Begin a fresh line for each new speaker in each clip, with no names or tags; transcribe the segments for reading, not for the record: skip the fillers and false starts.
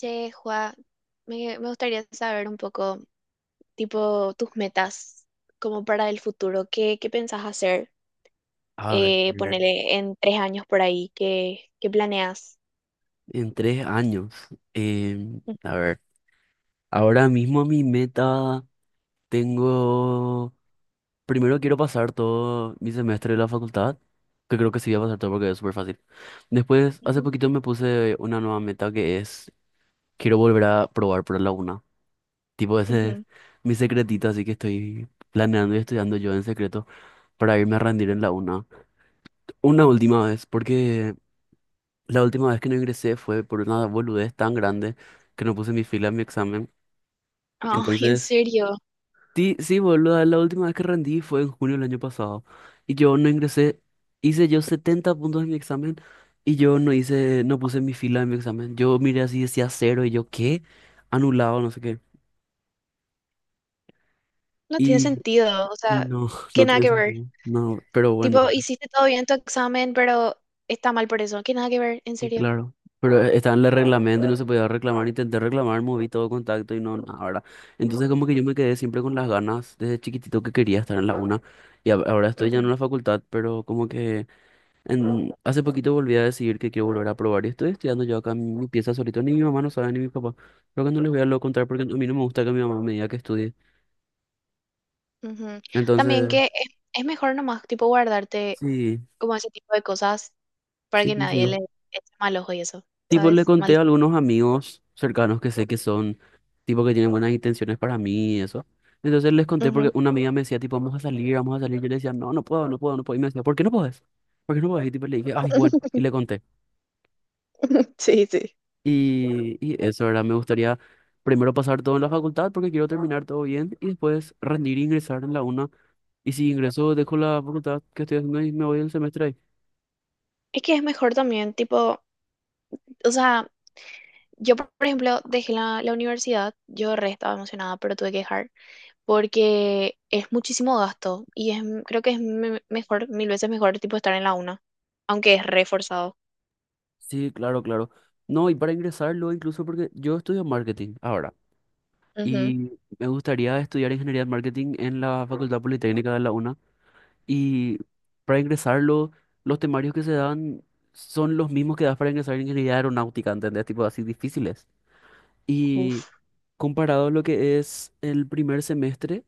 Che, Juan, me gustaría saber un poco, tipo, tus metas como para el futuro. ¿Qué, qué pensás hacer?
A ver,
Ponele en tres años por ahí. ¿Qué, qué planeas?
en 3 años. em,
Mm.
a ver, ahora mismo mi meta tengo. Primero quiero pasar todo mi semestre de la facultad, que creo que sí voy a pasar todo porque es súper fácil. Después, hace
Ujú.
poquito me puse una nueva meta que es, quiero volver a probar por la una. Tipo, ese es
Ujú.
mi secretito, así que estoy planeando y estudiando yo en secreto para irme a rendir en la una. Una última vez, porque La última vez que no ingresé fue por una boludez tan grande que no puse mi fila en mi examen.
Ah, ¿en
Entonces,
serio?
sí, sí, boludo, la última vez que rendí fue en junio del año pasado. Y yo no ingresé, hice yo 70 puntos en mi examen y yo no hice, no puse mi fila en mi examen. Yo miré así, decía cero y yo, ¿qué? Anulado, no sé qué.
No tiene
Y,
sentido. O
y
sea,
no,
que
no
nada
tiene
que ver.
sentido. No, pero bueno.
Tipo, hiciste todo bien tu examen, pero está mal por eso. Que nada que ver, en
Y
serio.
claro. Pero estaba en el reglamento y no se podía reclamar. Intenté reclamar, moví todo contacto y no, nada, ¿verdad? Entonces como que yo me quedé siempre con las ganas desde chiquitito que quería estar en la UNA. Y ahora estoy ya en la facultad, pero como que hace poquito volví a decidir que quiero volver a probar. Y estoy estudiando yo acá en mi pieza solito. Ni mi mamá no sabe, ni mi papá. Creo que no les voy a lo contar porque a mí no me gusta que mi mamá me diga que estudie.
Ujú. También que
Entonces,
es mejor nomás, tipo, guardarte
sí,
como ese tipo de cosas para
sí,
que
sí, sí.
nadie le eche mal ojo y eso,
Tipo, le
¿sabes? Mal.
conté a algunos amigos cercanos que sé que son, tipo que tienen buenas intenciones para mí y eso. Entonces les conté porque
Ujú.
una amiga me decía, tipo, vamos a salir, vamos a salir. Yo le decía, no, no puedo, no puedo, no puedo. Y me decía, ¿por qué no puedes? ¿Por qué no puedes? Y tipo, le dije, ay, bueno, y le conté.
Sí, sí.
Y eso, ¿verdad? Me gustaría primero pasar todo en la facultad porque quiero terminar todo bien y después rendir e ingresar en la una. Y si ingreso, dejo la facultad que estoy haciendo y me voy el semestre ahí.
Es que es mejor también, tipo, o sea, yo por ejemplo dejé la, la universidad, yo re estaba emocionada, pero tuve que dejar porque es muchísimo gasto y es, creo que es mejor, mil veces mejor, tipo, estar en la una, aunque es reforzado.
Sí, claro, claro. No, y para ingresarlo, incluso porque yo estudio marketing ahora
Ujú.
y me gustaría estudiar ingeniería de marketing en la Facultad Politécnica de la UNA. Y para ingresarlo, los temarios que se dan son los mismos que das para ingresar en ingeniería aeronáutica, ¿entendés? Tipo así difíciles. Y
Uf.
comparado lo que es el primer semestre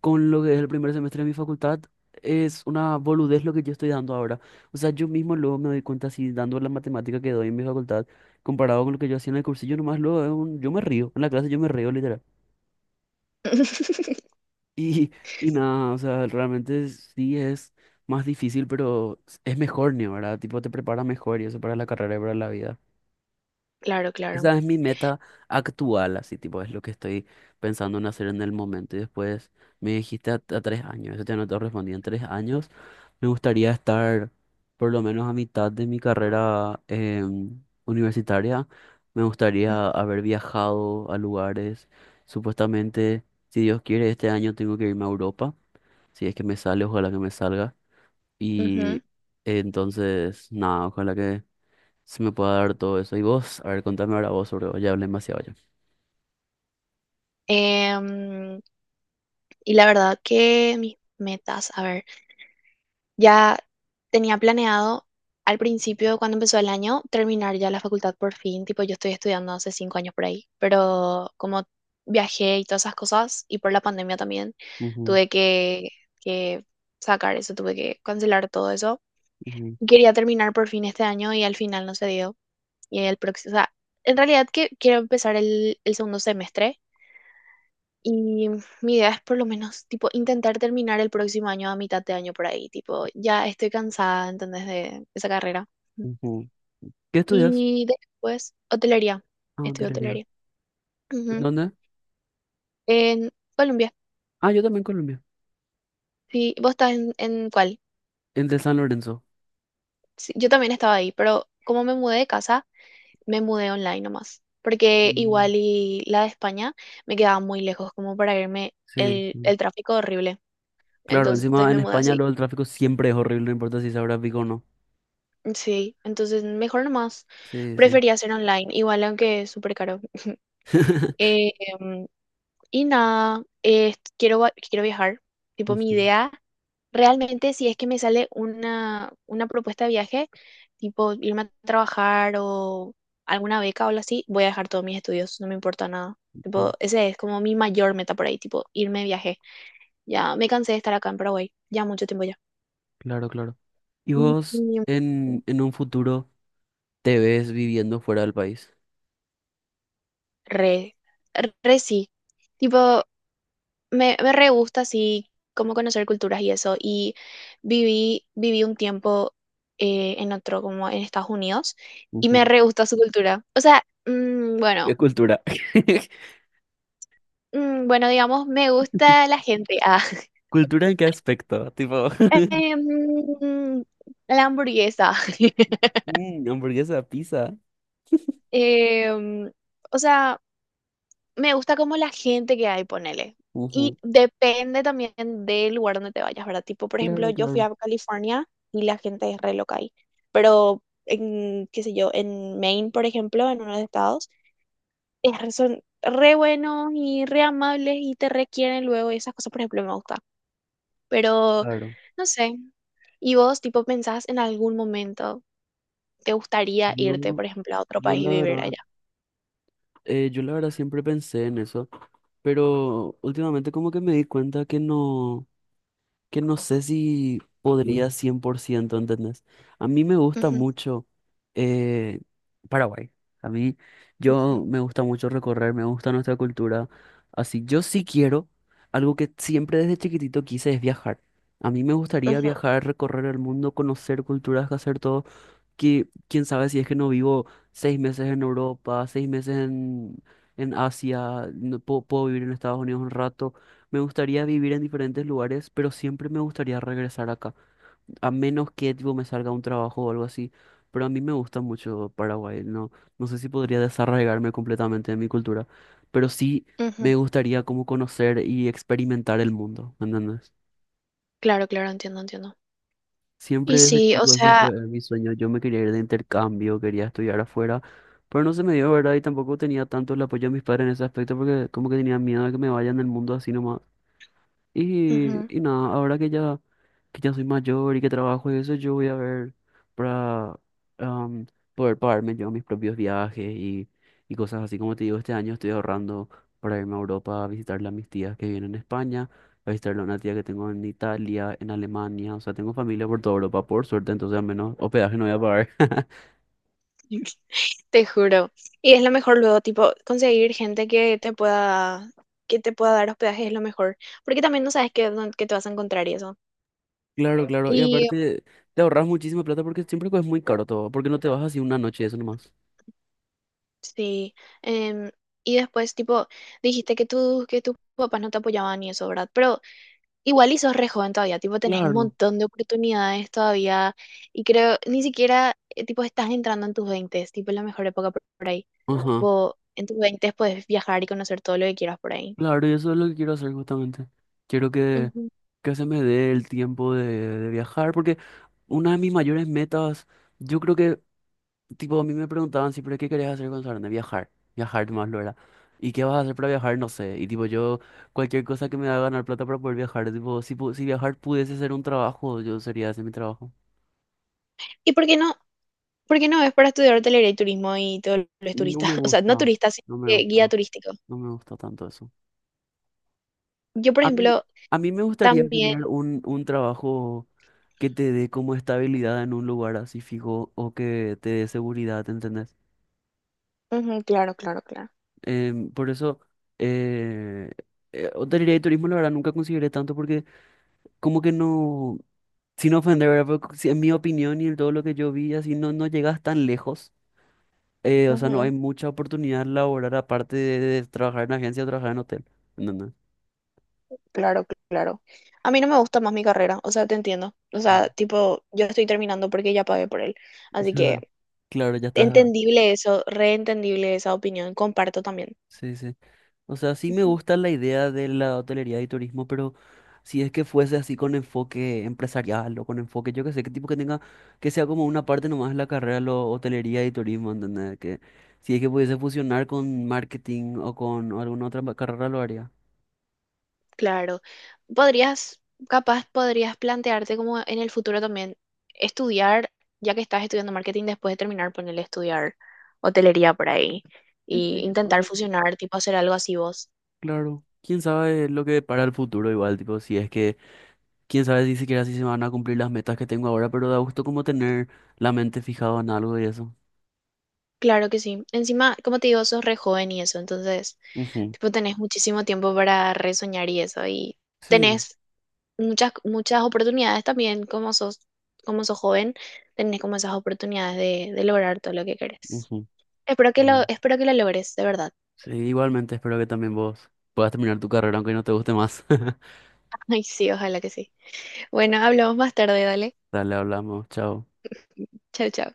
con lo que es el primer semestre de mi facultad, es una boludez lo que yo estoy dando ahora. O sea, yo mismo luego me doy cuenta así dando la matemática que doy en mi facultad, comparado con lo que yo hacía en el cursillo, nomás luego yo me río. En la clase yo me río literal. Y, y nada, o sea, realmente sí es más difícil, pero es mejor, ¿no? ¿Verdad? Tipo, te prepara mejor y eso para la carrera y para la vida.
Claro, claro.
Esa es mi meta actual, así, tipo, es lo que estoy pensando en hacer en el momento. Y después me dijiste a 3 años, eso ya no te respondí, en 3 años me gustaría estar por lo menos a mitad de mi carrera universitaria. Me gustaría haber viajado a lugares, supuestamente, si Dios quiere, este año tengo que irme a Europa. Si es que me sale, ojalá que me salga. Y
Ujú.
eh, entonces, nada, ojalá que se me pueda dar todo eso. Y vos, a ver, contame ahora vos sobre vos, ya hablé demasiado ya.
Em, Y la verdad que mis metas, a ver, ya tenía planeado al principio, cuando empezó el año, terminar ya la facultad por fin, tipo yo estoy estudiando hace 5 años por ahí, pero como viajé y todas esas cosas, y por la pandemia también,
Ujú,
tuve que sacar eso, tuve que cancelar todo eso.
ujú,
Quería terminar por fin este año y al final no se dio. Y el próximo, o sea, en realidad que quiero empezar el segundo semestre y mi idea es por lo menos, tipo, intentar terminar el próximo año a mitad de año por ahí. Tipo, ya estoy cansada, ¿entendés? De esa carrera.
ujú. ¿Qué estudias?
Y después, hotelería.
Ah,
Estudio
hotelería.
hotelería.
¿En
Ujú.
dónde?
En Colombia.
Ah, yo también en Colombia.
Sí, ¿vos estás en cuál?
En de San Lorenzo.
Sí, yo también estaba ahí, pero como me mudé de casa, me mudé online nomás. Porque
Mm,
igual y la de España me quedaba muy lejos, como para irme
sí, sí.
el tráfico horrible.
Claro,
Entonces
encima en
me mudé
España
así.
lo del tráfico siempre es horrible, no importa si es ahora pico o no.
Sí, entonces mejor nomás.
Sí, sí.
Prefería hacer online, igual aunque es súper caro. Eh, em, y nada, quiero, quiero viajar. Tipo, mi
Ujú,
idea, realmente si es que me sale una propuesta de viaje, tipo irme a trabajar o alguna beca o algo así, voy a dejar todos mis estudios, no me importa nada.
ujú.
Tipo, ese es como mi mayor meta por ahí, tipo, irme de viaje. Ya me cansé de estar acá en Paraguay, ya mucho tiempo ya.
Claro, claro. ¿Y
Y-
vos
y-
en un futuro te ves viviendo fuera del país?
Re, re sí. Tipo, me re gusta así como conocer culturas y eso. Y viví, viví un tiempo en otro, como en Estados Unidos, y me
Ujú.
re gusta su cultura. O sea,
¿Qué cultura?
mm, bueno, digamos, me gusta la gente. Ah,
¿Cultura en qué aspecto? Tipo,
Em, la hamburguesa.
mm, hamburguesa, pizza.
Em, o sea, me gusta como la gente que hay, ponele.
Ujú.
Y depende también del lugar donde te vayas, ¿verdad? Tipo, por ejemplo,
Claro,
yo fui
claro,
a California y la gente es re loca ahí. Pero en, qué sé yo, en Maine, por ejemplo, en uno de los estados, es son re buenos y re amables y te requieren luego y esas cosas, por ejemplo, me gusta. Pero,
claro.
no sé. ¿Y vos, tipo, pensás en algún momento, te gustaría irte,
Yo,
por ejemplo, a otro
yo
país y
la
vivir
verdad,
allá?
yo la verdad siempre pensé en eso, pero últimamente como que me di cuenta que no. Que no sé si podría 100%, ¿entendés? A mí me gusta
Ujú,
mucho eh, Paraguay. A mí, yo
ujú,
me gusta mucho recorrer, me gusta nuestra cultura. Así, yo sí quiero, algo que siempre desde chiquitito quise es viajar. A mí me gustaría
ujú,
viajar, recorrer el mundo, conocer culturas, hacer todo que quién sabe si es que no vivo 6 meses en Europa, 6 meses en Asia, no puedo, puedo vivir en Estados Unidos un rato. Me gustaría vivir en diferentes lugares, pero siempre me gustaría regresar acá, a menos que tipo, me salga un trabajo o algo así. Pero a mí me gusta mucho Paraguay, no, no sé si podría desarraigarme completamente de mi cultura, pero sí
ujú.
me gustaría como conocer y experimentar el mundo, ¿me ¿entendés?
Claro, claro, entiendo, entiendo.
Siempre
Y
desde
sí, o
chico ese
sea,
fue mi sueño. Yo me quería ir de intercambio, quería estudiar afuera, pero no se me dio, ¿verdad? Y tampoco tenía tanto el apoyo de mis padres en ese aspecto porque como que tenía miedo de que me vayan del mundo así nomás. Y,
ujú.
y nada, ahora que ya soy mayor y que trabajo y eso, yo voy a ver para am, poder pagarme yo mis propios viajes y cosas así. Como te digo, este año estoy ahorrando para irme a Europa a visitarle a mis tías que viven en España, a visitarle a una tía que tengo en Italia, en Alemania. O sea, tengo familia por toda Europa, por suerte, entonces al menos hospedaje no voy a pagar.
Te juro. Y es lo mejor luego, tipo, conseguir gente que te pueda dar hospedaje es lo mejor. Porque también no sabes qué, dónde- qué te vas a encontrar y eso.
Claro, claro, claro. Y
Y
aparte, te ahorras muchísima plata porque siempre es muy caro todo, porque no te vas así una noche, eso nomás.
sí. em, y después, tipo, dijiste que tus papás no te apoyaban y eso, ¿verdad? Pero igual y sos re joven todavía, tipo, tenés un
Claro.
montón de oportunidades todavía. Y creo, ni siquiera, tipo, estás entrando en tus veintes tipo, es la mejor época por ahí.
Ajá.
Tipo, en tus veintes puedes viajar y conocer todo lo que quieras por ahí.
Claro, y eso es lo que quiero hacer justamente. Quiero que,
Ujú.
que se me dé el tiempo de viajar, porque una de mis mayores metas, yo creo que, tipo, a mí me preguntaban siempre, ¿qué querías hacer con de viajar, viajar más lo era. ¿Y qué vas a hacer para viajar? No sé. Y tipo, yo, cualquier cosa que me haga ganar plata para poder viajar, tipo, si, si viajar pudiese ser un trabajo, yo sería ese mi trabajo.
¿Y por qué no? Porque no, es para estudiar hotelería y turismo y todos los
No
turistas.
me
O sea, no
gusta,
turistas sino
no me
que guía
gusta,
turístico.
no me gusta tanto eso.
Yo, por
A mí,
ejemplo,
a mí me gustaría
también.
tener un trabajo que te dé como estabilidad en un lugar así fijo o que te dé seguridad, ¿entendés?
Ujú, claro, claro, claro.
Por eso, eh, hotelería y turismo, la verdad, nunca consideré tanto porque como que no, sin ofender, ¿verdad? Pero si en mi opinión y en todo lo que yo vi, así no, no llegas tan lejos. O sea, no hay
Ujú,
mucha oportunidad laboral aparte de trabajar en agencia o trabajar en hotel. No, no.
claro, claro. A mí no me gusta más mi carrera, o sea, te entiendo. O sea, tipo, yo estoy terminando porque ya pagué por él. Así que
Claro, ya está.
entendible eso, reentendible esa opinión, comparto también.
Sí, sí. O sea, sí me gusta la idea de la hotelería y turismo, pero si es que fuese así con enfoque empresarial o con enfoque, yo qué sé, qué tipo que tenga, que sea como una parte nomás de la carrera, lo hotelería y turismo, ¿entendés? Que si es que pudiese fusionar con marketing o con alguna otra carrera, lo haría.
Claro. Podrías, capaz podrías plantearte como en el futuro también estudiar, ya que estás estudiando marketing después de terminar, ponerle estudiar hotelería por ahí y
Sí, o
intentar
sea,
fusionar, tipo hacer algo así vos.
claro. Quién sabe lo que para el futuro igual, tipo, si es que, quién sabe si siquiera si se van a cumplir las metas que tengo ahora, pero da gusto como tener la mente fijada en algo y eso.
Claro que sí. Encima, como te digo, sos re joven y eso, entonces,
Ujú.
tipo, tenés muchísimo tiempo para resoñar y eso y
Sí.
tenés muchas oportunidades también como sos joven, tenés como esas oportunidades de lograr todo lo que querés.
Ujú.
Espero que lo logres, de verdad.
Sí, igualmente espero que también vos puedas terminar tu carrera aunque no te guste más.
Ay, sí, ojalá que sí. Bueno, hablamos más tarde, dale.
Dale, hablamos, chao.
Chau, chau.